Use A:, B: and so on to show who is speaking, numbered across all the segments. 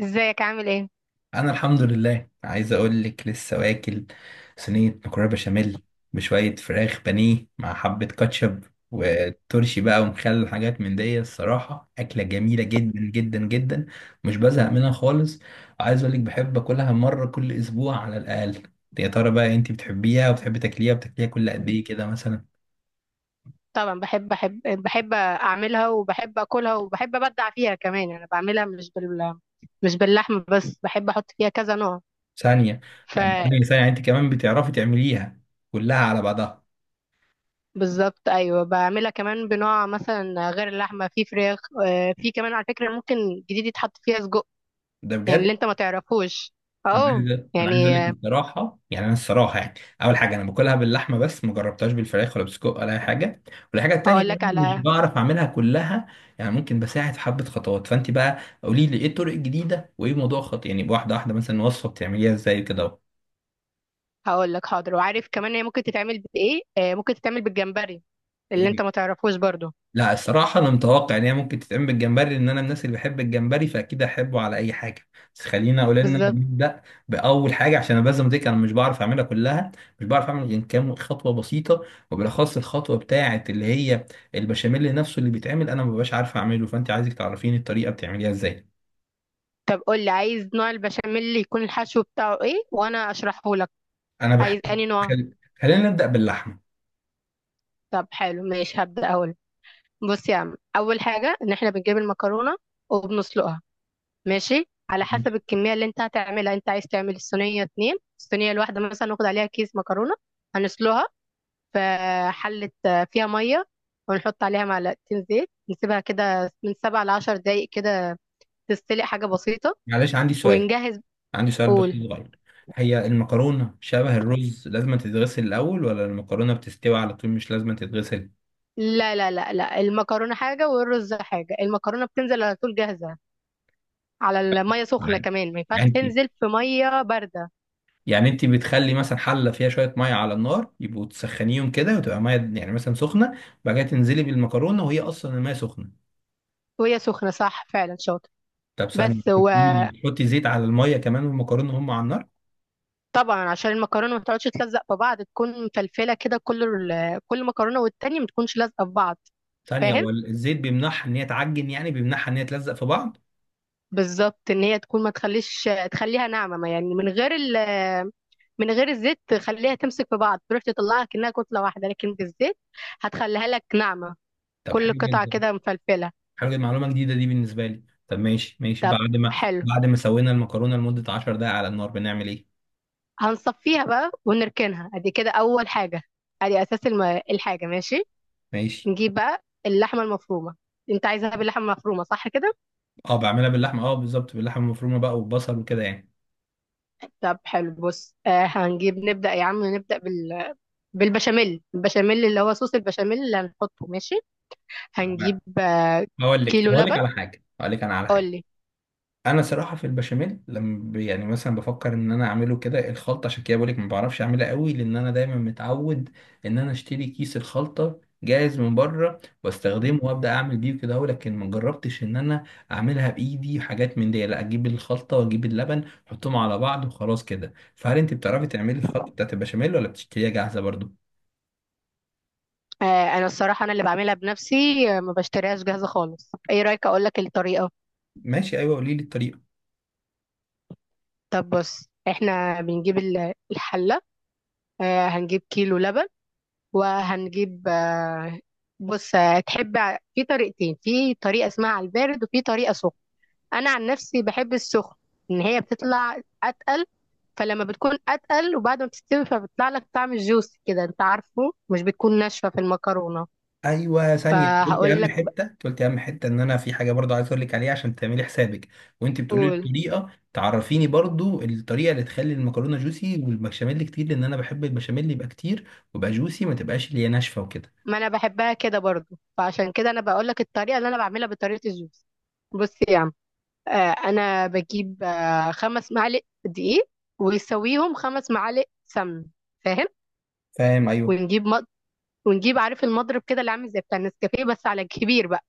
A: ازيك عامل ايه؟
B: انا الحمد لله عايز اقول لك لسه واكل صينيه مكرونه بشاميل بشويه فراخ بانيه مع حبه كاتشب وترشي بقى ومخلل حاجات من دي. الصراحه اكله جميله جدا جدا جدا، مش بزهق منها خالص. وعايز اقول لك بحب اكلها مره كل اسبوع على الاقل. يا ترى بقى انت بتحبيها وبتحبي تاكليها وبتاكليها كل قد ايه كده مثلا؟
A: طبعا بحب بحب بحب اعملها، وبحب اكلها، وبحب ابدع فيها كمان. انا بعملها مش باللحم بس، بحب احط فيها كذا نوع.
B: ثانيه،
A: ف
B: يعني ثانيه انت كمان بتعرفي تعمليها كلها على بعضها؟
A: بالظبط، ايوه بعملها كمان بنوع مثلا غير اللحمه، في فراخ. في كمان على فكره ممكن جديد يتحط فيها سجق،
B: ده
A: يعني اللي
B: بجد؟
A: انت ما تعرفوش.
B: انا
A: اه
B: عايز انا عايز اقول
A: يعني آه،
B: لك بصراحه، يعني انا الصراحه يعني اول حاجه انا باكلها باللحمه بس ما جربتهاش بالفراخ ولا بسجق ولا اي حاجه. والحاجه التانيه
A: اقول
B: إن
A: لك
B: انا مش
A: على...
B: بعرف اعملها كلها. يعني ممكن بساعد في حبه خطوات، فانت بقى قولي لي ايه الطرق الجديده وايه موضوع خط، يعني واحده واحده مثلا وصفه بتعمليها ازاي كده.
A: هقول لك حاضر. وعارف كمان هي ممكن تتعمل بايه؟ ممكن تتعمل بالجمبري، اللي انت ما تعرفوش برضو.
B: لا الصراحة أنا متوقع إن هي ممكن تتعمل بالجمبري، لأن أنا من الناس اللي بحب الجمبري فأكيد أحبه على أي حاجة. بس خلينا أقول إن أنا
A: بالظبط.
B: نبدأ بأول حاجة، عشان أنا بزم ديك أنا مش بعرف أعملها كلها، مش بعرف أعمل غير كام خطوة بسيطة. وبالأخص الخطوة بتاعة اللي هي البشاميل نفسه اللي بيتعمل، أنا مببقاش عارف أعمله، فأنت عايزك تعرفيني الطريقة بتعمليها إزاي.
A: طب قول لي، عايز نوع البشاميل اللي يكون الحشو بتاعه ايه وانا اشرحه لك.
B: أنا بحب
A: عايز اني نوع.
B: خل... خلينا نبدأ باللحمة.
A: طب حلو، ماشي هبدأ اقول. بص يا عم، اول حاجة ان احنا بنجيب المكرونة وبنسلقها. ماشي، على حسب
B: ماشي.
A: الكمية اللي انت هتعملها. انت عايز تعمل الصينية اتنين، الصينية الواحدة مثلا ناخد عليها كيس مكرونة. هنسلقها في حلة فيها مية، ونحط عليها معلقتين زيت. نسيبها كده من سبع لعشر دقايق كده تستلق، حاجة بسيطة.
B: معلش عندي سؤال،
A: ونجهز.
B: عندي سؤال بس
A: قول.
B: صغير. هي المكرونة شبه الرز لازم تتغسل الأول، ولا المكرونة بتستوي على طول مش لازم تتغسل؟
A: لا لا لا لا، المكرونة حاجة والرز حاجة. المكرونة بتنزل على طول جاهزة على المية سخنة،
B: عادي.
A: كمان ما ينفعش
B: يعني انت
A: تنزل في مية باردة.
B: يعني انت بتخلي مثلا حلة فيها شوية مية على النار يبقوا تسخنيهم كده وتبقى مية، يعني مثلا سخنة، بعد كده تنزلي بالمكرونة وهي أصلا المية سخنة.
A: وهي سخنة، صح فعلا شاطر.
B: طب ثانية،
A: بس.
B: انت بتقولي لي بتحطي زيت على المية كمان والمكرونة هم على النار؟
A: وطبعا عشان المكرونة ما تقعدش تلزق في بعض تكون مفلفلة كده، كل كل مكرونة والتانية ما تكونش لازقة في بعض.
B: ثانية،
A: فاهم.
B: هو الزيت بيمنعها إن هي تعجن، يعني بيمنعها إن هي تلزق في بعض؟
A: بالظبط، ان هي تكون، ما تخليش، تخليها ناعمة. ما يعني من غير الزيت تخليها تمسك في بعض، تروح تطلعها كأنها كتلة واحدة، لكن بالزيت هتخليها لك ناعمة،
B: طب
A: كل
B: حلو
A: قطعة
B: جدا.
A: كده مفلفلة.
B: حاجه معلومه جديده دي بالنسبه لي. طب ماشي ماشي،
A: طب حلو.
B: بعد ما سوينا المكرونه لمده 10 دقائق على النار بنعمل ايه؟
A: هنصفيها بقى ونركنها ادي كده اول حاجه، ادي اساس الحاجه. ماشي.
B: ماشي.
A: نجيب بقى اللحمه المفرومه. انت عايزها باللحمه المفرومه صح كده؟
B: اه بعملها باللحمه، اه بالظبط باللحمه المفرومه بقى والبصل وكده يعني.
A: طب حلو. بص، هنجيب، نبدا يا عم، بالبشاميل. اللي هو صوص البشاميل اللي هنحطه. ماشي. هنجيب
B: هقول لك، طب
A: كيلو
B: اقول لك
A: لبن.
B: على حاجه، هقول لك انا على
A: قول
B: حاجه.
A: لي.
B: انا صراحه في البشاميل لما يعني مثلا بفكر ان انا اعمله كده الخلطه، عشان كده بقولك ما بعرفش اعملها قوي، لان انا دايما متعود ان انا اشتري كيس الخلطه جاهز من بره واستخدمه وابدا اعمل بيه كده لكن ما جربتش ان انا اعملها بايدي حاجات من دي، لا اجيب الخلطه واجيب اللبن احطهم على بعض وخلاص كده. فهل انت بتعرفي تعملي الخلطه بتاعت البشاميل ولا بتشتريها جاهزه برضو؟
A: آه انا الصراحه انا اللي بعملها بنفسي، ما بشتريهاش جاهزه خالص. ايه رايك اقول لك الطريقه؟
B: ماشي، ايوه قولي لي الطريقه.
A: طب بص، احنا بنجيب الحله. هنجيب كيلو لبن. وهنجيب آه، بص آه، تحب في طريقتين، في طريقة اسمها على البارد وفي طريقة سخن. أنا عن نفسي بحب السخن، إن هي بتطلع أتقل. فلما بتكون أتقل وبعد ما بتستوي، فبيطلع لك طعم الجوس كده، أنت عارفه مش بتكون ناشفة في المكرونة.
B: ايوه ثانيه، انت قلتي
A: فهقول
B: اهم
A: لك.
B: حته، انت قلتي اهم حته، ان انا في حاجه برضو عايز اقول لك عليها عشان تعملي حسابك وانت بتقولي لي
A: بقول.
B: الطريقه، تعرفيني برضو الطريقه اللي تخلي المكرونه جوسي والبشاميل كتير، لان انا بحب البشاميل يبقى كتير ويبقى جوسي، ما تبقاش اللي هي ناشفه وكده.
A: ما أنا بحبها كده برضو، فعشان كده أنا بقول لك الطريقة اللي أنا بعملها بطريقة الجوس. بص يا عم. آه، انا بجيب خمس معالق دقيق، ويسويهم خمس معالق سمن. فاهم.
B: فاهم ايوه.
A: ونجيب مض... ونجيب، عارف المضرب كده، اللي عامل زي بتاع النسكافيه بس على كبير بقى.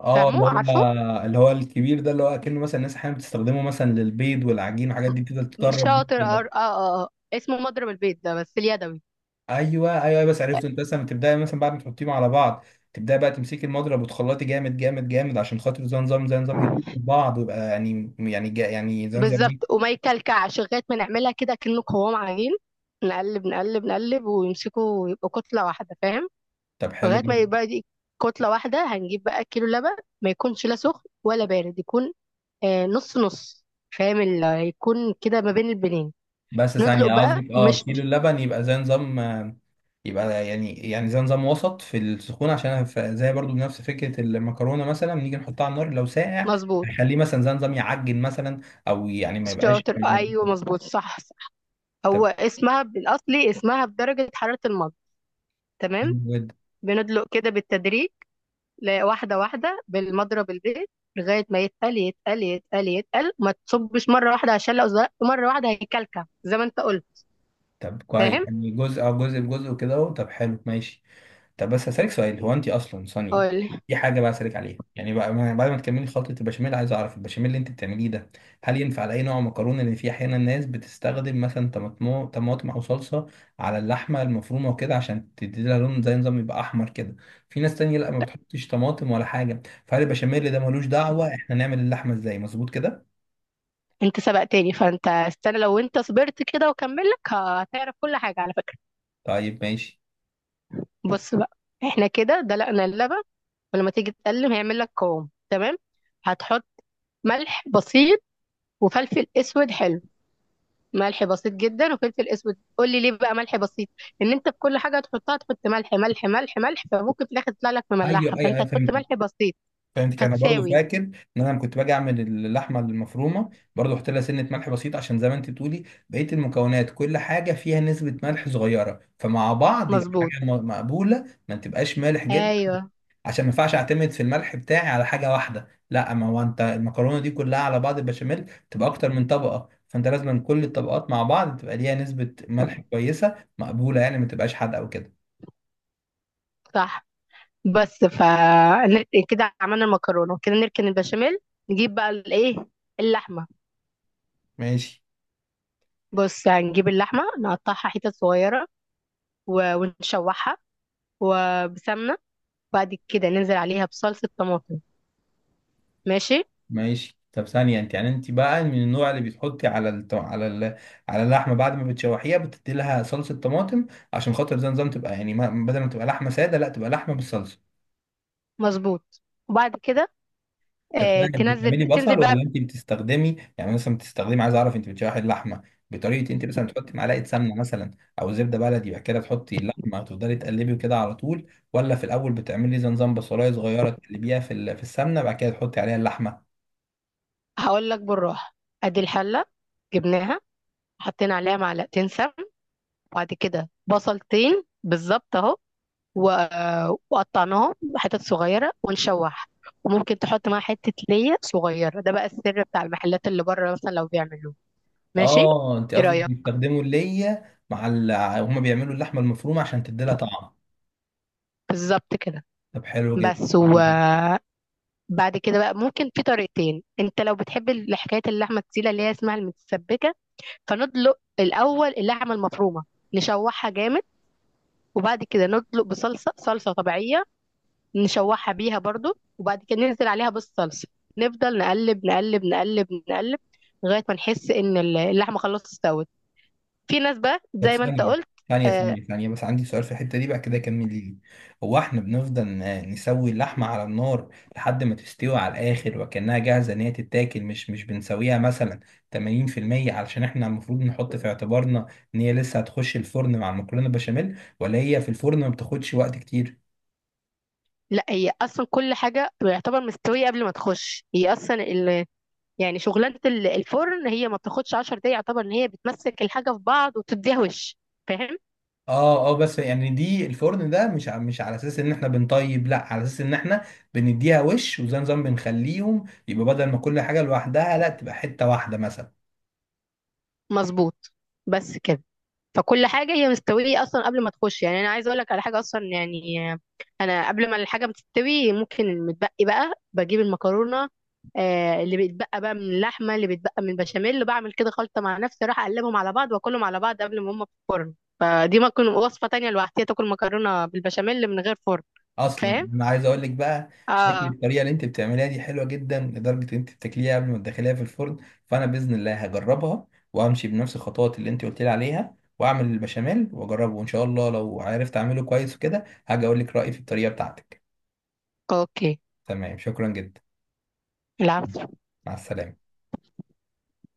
B: اه
A: فاهمه عارفه
B: اللي هو الكبير ده، اللي هو اكنه مثلا الناس احيانا بتستخدمه مثلا للبيض والعجين والحاجات دي بتفضل تدرب بيه
A: شاطر.
B: كده.
A: اسمه مضرب البيض ده بس اليدوي.
B: ايوه ايوه بس عرفته. انت مثلا تبداي مثلا بعد ما تحطيهم على بعض تبداي بقى تمسكي المضرب وتخلطي جامد جامد جامد، عشان خاطر زي نظام يدوب في بعض ويبقى، يعني يعني زي نظام
A: بالظبط،
B: ايه.
A: وما يكلكعش لغايه ما نعملها كده كأنه قوام عجين، نقلب نقلب نقلب، ويمسكوا ويبقوا كتله واحده. فاهم.
B: طب حلو
A: لغايه ما
B: جدا.
A: يبقى دي كتله واحده. هنجيب بقى كيلو لبن. ما يكونش لا سخن ولا بارد، يكون نص نص. فاهم، اللي هيكون كده ما بين البنين.
B: بس
A: ندلق
B: ثانيه،
A: بقى
B: قصدك اه كيلو
A: مشط.
B: اللبن يبقى زي نظام يبقى يعني زي نظام وسط في السخون، عشان زي برضو نفس فكره المكرونه مثلا نيجي نحطها على النار لو ساقع
A: مظبوط.
B: هنخليه مثلا زي نظام يعجن مثلا، او يعني
A: شاطر
B: ما
A: ايوه،
B: يبقاش-.
A: مظبوط صح صح.
B: طب
A: هو اسمها بالاصلي اسمها بدرجه حراره المضغ. تمام.
B: حلو جدا.
A: بندلق كده بالتدريج، واحده واحده بالمضرب البيت، لغايه ما يتقل يتقل يتقل يتقل. ما تصبش مره واحده، عشان لو زرقت مره واحده هيكلكع زي ما انت قلت.
B: طب كويس،
A: فاهم.
B: يعني جزء او جزء بجزء وكده اهو. طب حلو ماشي. طب بس هسألك سؤال، هو انت اصلا ثانية،
A: قول.
B: دي حاجة بقى اسألك عليها، يعني بقى بعد ما تكملي خلطة البشاميل عايز اعرف البشاميل اللي انت بتعمليه ده هل ينفع على اي نوع مكرونة؟ لان في احيانا ناس بتستخدم مثلا طماطم او صلصة على اللحمة المفرومة وكده عشان تدي لها لون زي نظام يبقى احمر كده. في ناس تانية لا ما بتحطش طماطم ولا حاجة، فهل البشاميل ده ملوش دعوة احنا نعمل اللحمة ازاي مظبوط كده؟
A: انت سبقتني، فانت استنى، لو انت صبرت كده وكملك هتعرف كل حاجه على فكره.
B: طيب ماشي.
A: بص بقى، احنا كده دلقنا اللبن، ولما تيجي تقلم هيعمل لك قوام تمام. هتحط ملح بسيط وفلفل اسود حلو. ملح بسيط جدا وفلفل اسود. قول لي ليه بقى ملح بسيط؟ ان انت في كل حاجه هتحطها تحط ملح ملح ملح ملح، فممكن في الاخر تطلع لك
B: ايوه
A: مملحه،
B: ايوه
A: فانت
B: ايوه
A: هتحط
B: فهمت،
A: ملح بسيط
B: فهمتك. انا برضو
A: فتساوي.
B: فاكر ان انا لما كنت باجي اعمل اللحمه المفرومه برضو احط لها سنه ملح بسيط، عشان زي ما انت بتقولي بقيه المكونات كل حاجه فيها نسبه ملح صغيره، فمع بعض يبقى
A: مظبوط
B: حاجه مقبوله ما تبقاش مالح جدا.
A: ايوه
B: عشان ما ينفعش اعتمد في الملح بتاعي على حاجه واحده، لا ما هو انت المكرونه دي كلها على بعض البشاميل تبقى اكتر من طبقه، فانت لازم كل الطبقات مع بعض تبقى ليها نسبه ملح كويسه مقبوله، يعني ما تبقاش حادقه وكده.
A: صح. بس ف كده عملنا المكرونه كده، نركن البشاميل. نجيب بقى الايه، اللحمه.
B: ماشي
A: بص هنجيب اللحمه، نقطعها حتت صغيره ونشوحها وبسمنة. بعد كده ننزل عليها بصلصة طماطم. ماشي.
B: ماشي. طب ثانية، انت بقى من النوع اللي بتحطي على على على اللحمة بعد ما بتشوحيها بتدي لها صلصة طماطم، عشان خاطر زي نظام تبقى يعني ما... بدل ما تبقى لحمة سادة لا تبقى لحمة بالصلصة؟
A: مظبوط. وبعد كده
B: طب ثانية،
A: تنزل
B: بتعملي
A: تنزل
B: بصل
A: بقى.
B: ولا انت بتستخدمي، يعني مثلا بتستخدمي، عايز اعرف انت بتشوحي اللحمة بطريقة انت مثلا بتحطي معلقة سمنة مثلا او زبدة بلدي، بعد كده تحطي اللحمة وتفضلي تقلبي كده على طول، ولا في الاول بتعملي زي نظام بصلاية صغيرة تقلبيها في في السمنة بعد كده تحطي عليها اللحمة؟
A: هقول لك بالراحة. ادي الحلة جبناها، حطينا عليها معلقتين سمن. بعد كده بصلتين بالظبط اهو، وقطعناهم حتت صغيرة ونشوح. وممكن تحط معاها حتة ليا صغيرة، ده بقى السر بتاع المحلات اللي بره مثلا لو بيعملوه. ماشي.
B: اه انت
A: ايه
B: قصدك
A: رأيك؟
B: بيستخدموا اللية مع هما بيعملوا اللحمة المفرومة عشان تديلها طعم؟
A: بالظبط كده.
B: طب حلو جدا.
A: بس و
B: حلو جدا.
A: بعد كده بقى ممكن في طريقتين. انت لو بتحب حكايه اللحمه التقيله اللي هي اسمها المتسبكه، فندلق الاول اللحمه المفرومه نشوحها جامد، وبعد كده ندلق بصلصه طبيعيه نشوحها بيها برضو، وبعد كده ننزل عليها بالصلصه، نفضل نقلب نقلب نقلب نقلب لغايه ما نحس ان اللحمه خلاص استوت. في ناس بقى
B: طب
A: زي ما انت
B: ثانية
A: قلت.
B: ثانية
A: آه
B: ثانية ثانية بس عندي سؤال في الحتة دي بقى كده، كمل لي. هو احنا بنفضل نسوي اللحمة على النار لحد ما تستوي على الآخر وكأنها جاهزة إن هي تتاكل، مش بنسويها مثلا 80%، علشان احنا المفروض نحط في اعتبارنا إن هي لسه هتخش الفرن مع المكرونة بشاميل، ولا هي في الفرن ما بتاخدش وقت كتير؟
A: لا هي اصلا كل حاجه يعتبر مستويه قبل ما تخش هي اصلا، يعني شغلانة الفرن هي ما بتاخدش 10 دقايق، يعتبر ان هي بتمسك الحاجة في بعض وتديها وش. فاهم.
B: اه اه، بس يعني دي الفرن ده مش مش على اساس ان احنا بنطيب، لا على اساس ان احنا بنديها وش وزي نظام بنخليهم يبقى، بدل ما كل حاجه لوحدها لا تبقى حته واحده مثلا.
A: مظبوط. بس كده. فكل حاجة هي مستوية أصلا قبل ما تخش. يعني أنا عايزة أقول لك على حاجة أصلا، يعني أنا قبل ما الحاجة بتستوي ممكن المتبقي بقى بجيب المكرونة، اللي بيتبقى بقى من اللحمة اللي بيتبقى من البشاميل، اللي بعمل كده خلطة مع نفسي، أروح أقلبهم على بعض وأكلهم على بعض قبل ما هما في الفرن. فدي ممكن وصفة تانية لوحدها، تاكل مكرونة بالبشاميل من غير فرن.
B: اصلا
A: فاهم؟
B: انا عايز اقول لك بقى شكل
A: اه.
B: الطريقه اللي انت بتعمليها دي حلوه جدا لدرجه ان انت بتاكليها قبل ما تدخليها في الفرن. فانا باذن الله هجربها وامشي بنفس الخطوات اللي انت قلت لي عليها واعمل البشاميل واجربه، وان شاء الله لو عرفت اعمله كويس وكده هاجي اقول لك رايي في الطريقه بتاعتك.
A: اوكي.
B: تمام شكرا جدا.
A: العفو.
B: مع السلامه.